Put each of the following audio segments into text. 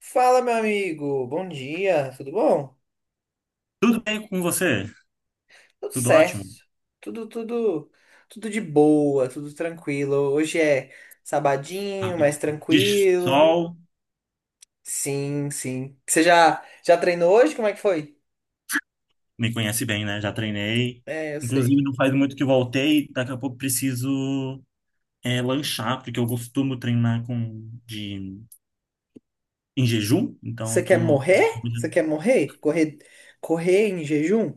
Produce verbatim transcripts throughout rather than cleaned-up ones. Fala, meu amigo. Bom dia. Tudo bom? Tudo bem com você? Tudo Tudo certo. ótimo? Tudo, tudo, tudo de boa, tudo tranquilo. Hoje é sabadinho, Rápido. mais De tranquilo. sol, Sim, sim. Você já já treinou hoje? Como é que foi? me conhece bem, né? Já treinei. É, eu Inclusive, sei. não faz muito que voltei. Daqui a pouco preciso é, lanchar, porque eu costumo treinar com, de, em jejum. Então, Você eu quer tô... morrer? Você quer morrer? Correr correr em jejum?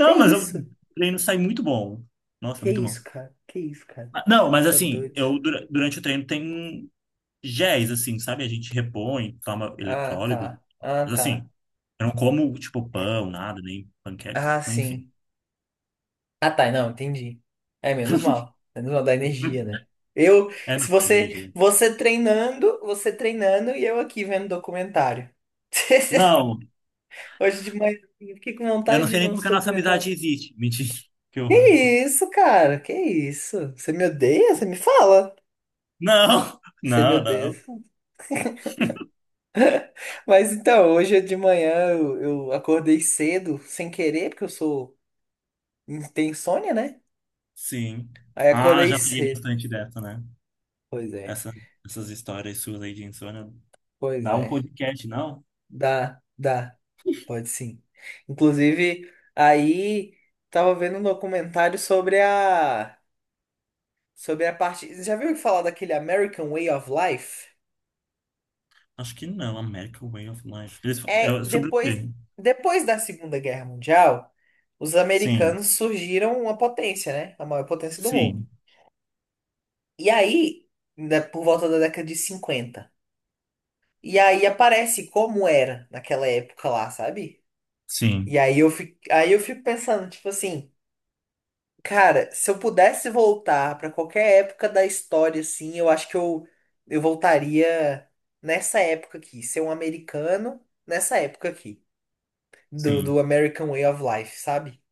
Que mas eu- isso? o treino sai muito bom. Nossa, Que muito bom. isso, cara? Que isso, cara? Ah, não, mas Tá assim, doido. eu dura- durante o treino tem géis, assim, sabe? A gente repõe, toma Ah, eletrólito. tá. Ah, Mas assim, tá. eu não como, tipo, pão, nada, nem panqueca. Ah, Mas, Enfim. sim. Ah, tá, não, entendi. É menos mal. Menos mal da energia, né? Eu, É, não, Se é você, energia. você treinando, você treinando e eu aqui vendo documentário. Não, Hoje de manhã, eu fiquei com eu vontade não de sei ver nem como uns que a nossa documentários. amizade existe. Mentira, que horror. Que isso, cara? Que isso? Você me odeia? Você me fala? Não, Você me não, odeia? não. Mas então, hoje de manhã eu, eu acordei cedo, sem querer, porque eu sou. Tem insônia, né? Sim. Aí Ah, acordei já peguei cedo. bastante dessa, né? Pois é, Essa, essas histórias suas aí de insônia. pois Dá um é. podcast, não? Dá, dá. Pode sim. Inclusive, aí tava vendo um documentário sobre a sobre a parte. Você já viu falar daquele American Way of Life? Acho que não, American Way of Life. Eles, fa- É é sobre o depois quê? depois da Segunda Guerra Mundial, os Sim, americanos surgiram uma potência, né? A maior potência do mundo. sim, E aí, ainda por volta da década de cinquenta. E aí aparece como era naquela época lá, sabe? E sim, aí eu fico, aí eu fico pensando, tipo assim, cara, se eu pudesse voltar pra qualquer época da história, assim, eu acho que eu, eu voltaria nessa época aqui, ser um americano nessa época aqui, do, sim. do American Way of Life, sabe?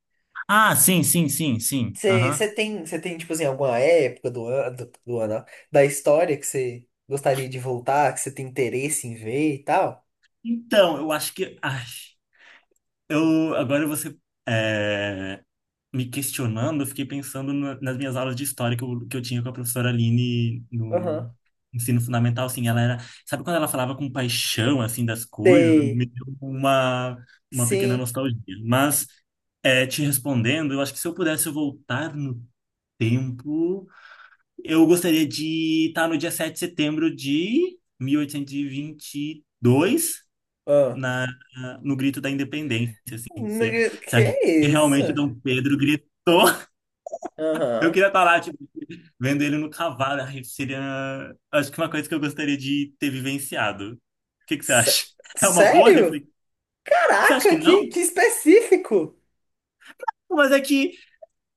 Ah, sim, sim, sim, sim. Aham. Você tem, você tem, tipo assim, alguma época do ano, do, do ano, ó, da história que você gostaria de voltar, que você tem interesse em ver e tal? Então, eu acho que. Ai, eu, agora você. Me questionando, eu fiquei pensando na- nas minhas aulas de história que eu, que eu tinha com a professora Aline Aham. no ensino fundamental, assim, ela era, sabe quando ela falava com paixão, assim, das coisas, Sei. me deu uma, uma pequena Sim. nostalgia. Mas, é, te respondendo, eu acho que se eu pudesse voltar no tempo, eu gostaria de estar no dia sete de setembro de mil oitocentos e e vinte e dois, Ah. na, no grito da independência, assim, se é, Nega- Que será é que isso? realmente Dom Pedro gritou? Eu Aham. queria estar lá, tipo, vendo ele no cavalo. Ai, seria, acho que uma coisa que eu gostaria de ter vivenciado. O que que você Sé- acha? É uma boa Sério? reflexão? Você acha que Caraca, que, não? que específico! Mas é que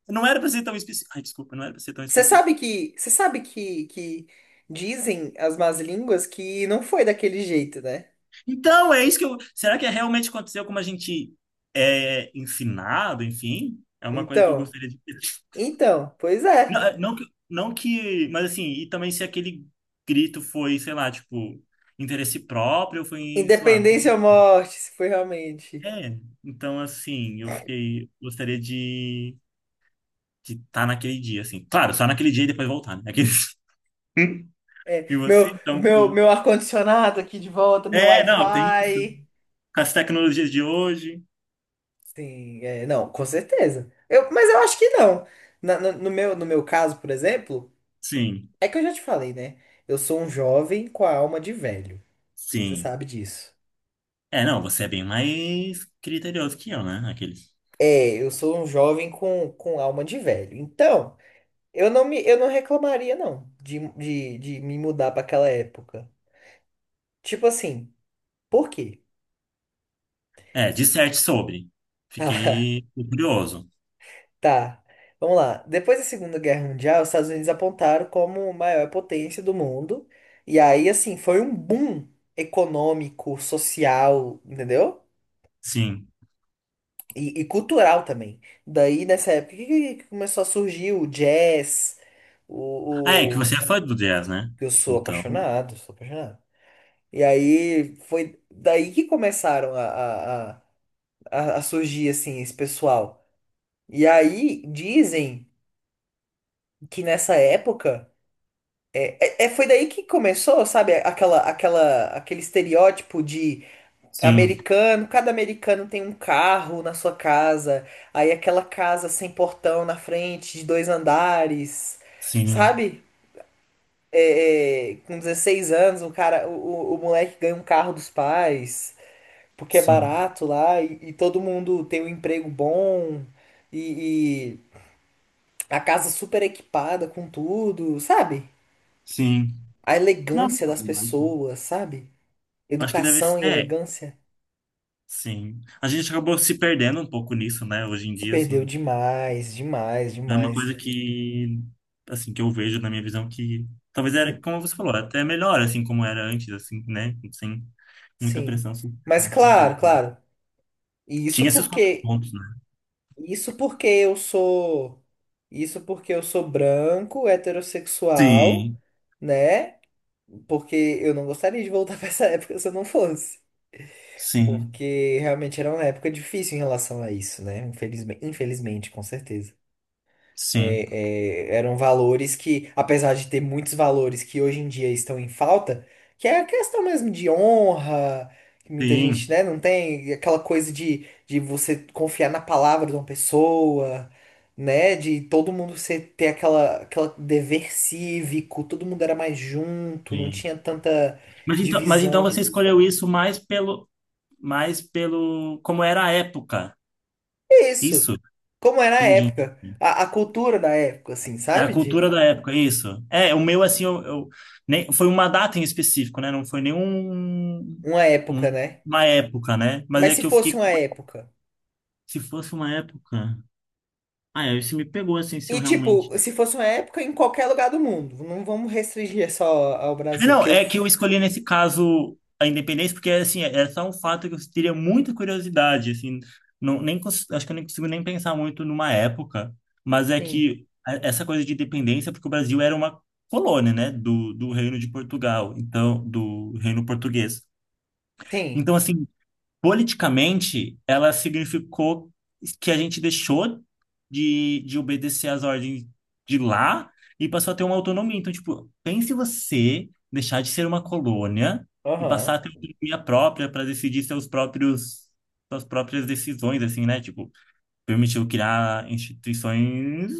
não era para ser tão específico. Ai, desculpa, não era para ser tão Você específico. sabe que, você sabe que, que dizem as más línguas que não foi daquele jeito, né? Então, é isso que eu. Será que é realmente aconteceu como a gente é ensinado, enfim? É uma coisa que eu Então, gostaria de. ter. então, pois Não, é. é, não, que- não que. Mas assim, e também se aquele grito foi, sei lá, tipo, interesse próprio, ou foi, sei lá, Independência ou morte, se foi realmente. é, então assim, eu fiquei, gostaria de de estar naquele dia, assim. Claro, só naquele dia e depois voltar, né? Aqueles... É, E você, meu, então... meu, com- meu ar-condicionado aqui de volta, meu é, não, tem isso. Wi-Fi. Com as tecnologias de hoje, Sim, é, não, com certeza. Eu, mas eu acho que não. Na- no, no meu, no meu caso, por exemplo, sim, é que eu já te falei, né? Eu sou um jovem com a alma de velho. Você sim. sabe disso. É, não, você é bem mais criterioso que eu, né? Aqueles... É, eu sou um jovem com, com alma de velho. Então, eu não me, eu não reclamaria, não, de, de, de me mudar para aquela época. Tipo assim, por quê? É, disserte sobre. Tá, Fiquei curioso, tá, vamos lá. Depois da Segunda Guerra Mundial, os Estados Unidos apontaram como a maior potência do mundo. E aí, assim, foi um boom econômico, social, entendeu? sim. E, e cultural também. Daí, nessa época, que, que- que começou a surgir o jazz, Ah, é, que o... o- você é fã do jazz, né? Eu sou Então, apaixonado, sou apaixonado. E aí foi daí que começaram a, a, a, a- a surgir assim esse pessoal. E aí dizem que nessa época é, é, é- foi daí que começou, sabe, aquela, aquela, aquele estereótipo de sim, americano, cada americano tem um carro na sua casa, aí aquela casa sem portão na frente, de dois andares, sim, sabe? É, é, com dezesseis anos, o cara, o, o o moleque ganha um carro dos pais, porque é sim, barato lá e, e todo mundo tem um emprego bom e, e a casa super equipada com tudo, sabe? sim. A Não, elegância das pessoas, sabe? acho que deve ser. Educação e é, elegância Sim. A gente acabou se perdendo um pouco nisso, né? Hoje em se dia, perdeu assim, demais, demais, é uma coisa demais. que, assim, que eu vejo na minha visão que talvez era, como você falou, até melhor, assim, como era antes, assim, né? Sem muita Sim. pressão social, Mas enfim. é uma claro, coisa- claro. E isso Tinha esses porque contrapontos, né? isso porque eu sou isso porque eu sou branco, heterossexual, Sim, né? Porque eu não gostaria de voltar pra essa época se eu não fosse. sim, Porque realmente era uma época difícil em relação a isso, né? Infelizmente, infelizmente, com certeza. sim, É, é, eram valores que, apesar de ter muitos valores que hoje em dia estão em falta, que é a questão mesmo de honra, que muita gente, sim, né, não tem aquela coisa de, de você confiar na palavra de uma pessoa, né? De todo mundo ser, ter aquela, aquela dever cívico, todo mundo era mais junto, não sim. tinha tanta Mas então, mas então divisão. você escolheu isso mais pelo, mais pelo, como era a época. É isso. Isso? Como era a Entendi. época, a, a cultura da época, assim, É a sabe? De cultura da época, isso. É, o meu, assim, eu, eu- nem, foi uma data em específico, né? Não foi nenhum uma época, um- né? uma época, né? Mas Mas é se que eu fosse fiquei, uma época. se fosse uma época. Ah, é, isso me pegou, assim, se eu E, tipo, realmente se fosse uma época em qualquer lugar do mundo, não vamos restringir só ao é, Brasil, não, que eu. é que eu F- escolhi nesse caso a independência, porque assim, é é só um fato que eu teria muita curiosidade, assim, não, nem, cons- acho que eu nem consigo nem pensar muito numa época, mas é Sim. que a- essa coisa de independência, porque o Brasil era uma colônia, né, do, do Reino de Portugal, então, do Reino Português. Sim, Então, assim, politicamente, ela significou que a gente deixou de, de obedecer às ordens de lá e passou a ter uma autonomia. Então, tipo, pense você deixar de ser uma colônia e passar aham, a ter autonomia própria para decidir seus próprios, suas próprias decisões, assim, né? Tipo, permitiu criar instituições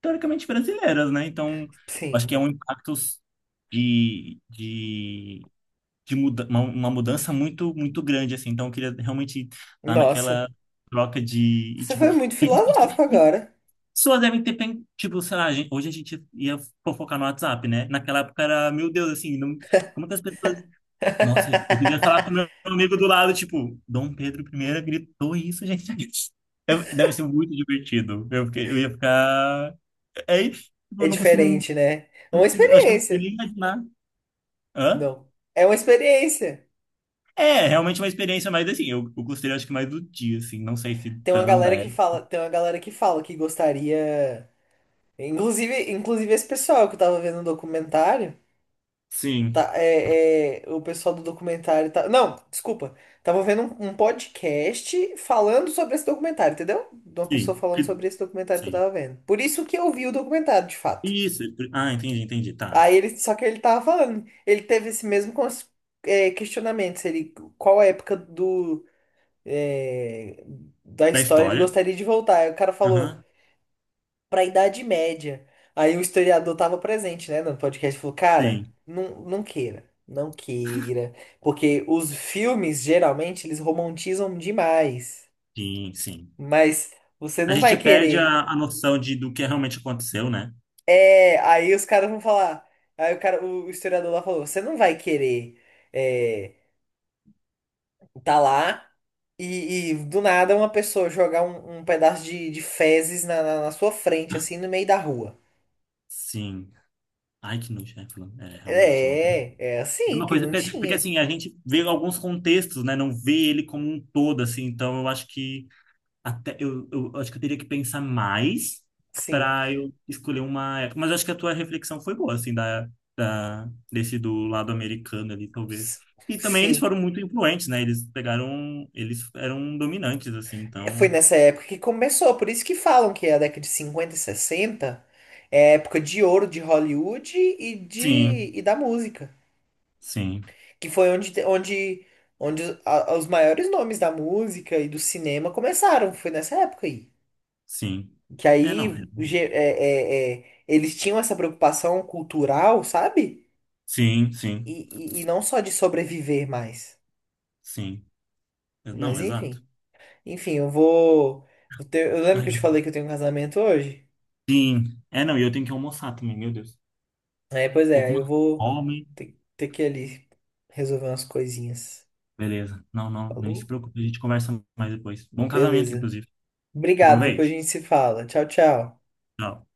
teoricamente brasileiras, né? Então, acho que sim. é um impacto de, de de muda uma, uma mudança muito muito grande assim. Então eu queria realmente estar Nossa, naquela troca de e, você tipo, o foi muito que que as pessoas filosófico que agora. pessoas devem ter pen- tipo, sei lá, a gente- hoje a gente ia fofocar no WhatsApp, né? Naquela época era, meu Deus, assim, não, como que as pessoas, nossa, eu devia falar com meu amigo do lado, tipo, Dom Pedro primeiro gritou isso, gente. Eu- Deve ser muito divertido. Eu, fiquei- eu ia ficar. É, isso, tipo, eu É não consigo. Eu diferente, né? É não uma consigo, eu acho que eu não consigo experiência. nem imaginar. Hã? Não, é uma experiência. É, realmente uma experiência mais assim. Eu, eu gostei, acho que mais do dia, assim. Não sei se Tem uma tão da galera que época. Fala, tem uma galera que fala que gostaria. Inclusive, inclusive esse pessoal que eu tava vendo no documentário, Sim, tá, é, é, o pessoal do documentário tá, não, desculpa, tava vendo um, um podcast falando sobre esse documentário, entendeu? De uma pessoa sim, falando que- sobre esse documentário que eu sim. tava vendo. Por isso que eu vi o documentário, de fato. Isso. Ah, entendi, entendi. Tá. Aí ele, só que ele tava falando, ele teve esse mesmo cons- é, questionamento, se ele, qual época do, é, da Da história ele história. gostaria de voltar. Aí o cara falou Aham. para a Idade Média. Aí o historiador estava presente, né, no podcast, e falou, cara, Sim, não, não queira, não queira, porque os filmes geralmente eles romantizam demais, sim, sim. mas você A não gente vai perde querer. a, a noção de, do que realmente aconteceu, né? É, aí os caras vão falar, aí o cara, o historiador lá falou, você não vai querer é, tá lá e, e do nada uma pessoa jogar um, um pedaço de, de fezes na, na na sua frente, assim, no meio da rua. Sim. Ai, que nojo, né? falando- É, realmente. Uma... É, é É assim uma que coisa. não pe- Porque, tinha. assim, a gente vê alguns contextos, né? Não vê ele como um todo, assim. Então, eu acho que. Até, eu, eu acho que eu teria que pensar mais Sim. para eu escolher uma época. Mas acho que a tua reflexão foi boa, assim, da, da, desse do lado americano ali, talvez. E também eles Sim, foram muito influentes, né? Eles pegaram, eles eram dominantes, assim, é, foi então. nessa época que começou, por isso que falam que é a década de cinquenta e sessenta é a época de ouro de Hollywood e, de, Sim, e da música, sim, que foi onde, te- onde, onde a- os maiores nomes da música e do cinema começaram, foi nessa época aí. sim. Que É, não. aí ge- é- é- é, eles tinham essa preocupação cultural, sabe? Sim, sim, E, e, e não só de sobreviver mais, sim. Não, mas exato. enfim. Enfim, eu vou... eu te- eu lembro que Ai, eu te falei que eu tenho um casamento hoje? sim. É, não, e eu tenho que almoçar também, meu Deus. É, pois Tô é, com aí eu uma vou fome. ter, ter que ir ali resolver umas coisinhas. Beleza. Não, não, nem se Falou? preocupe, a gente conversa mais depois. Bom casamento, Beleza. inclusive. Obrigado, depois a Aproveite. gente se fala. Tchau, tchau. Tchau.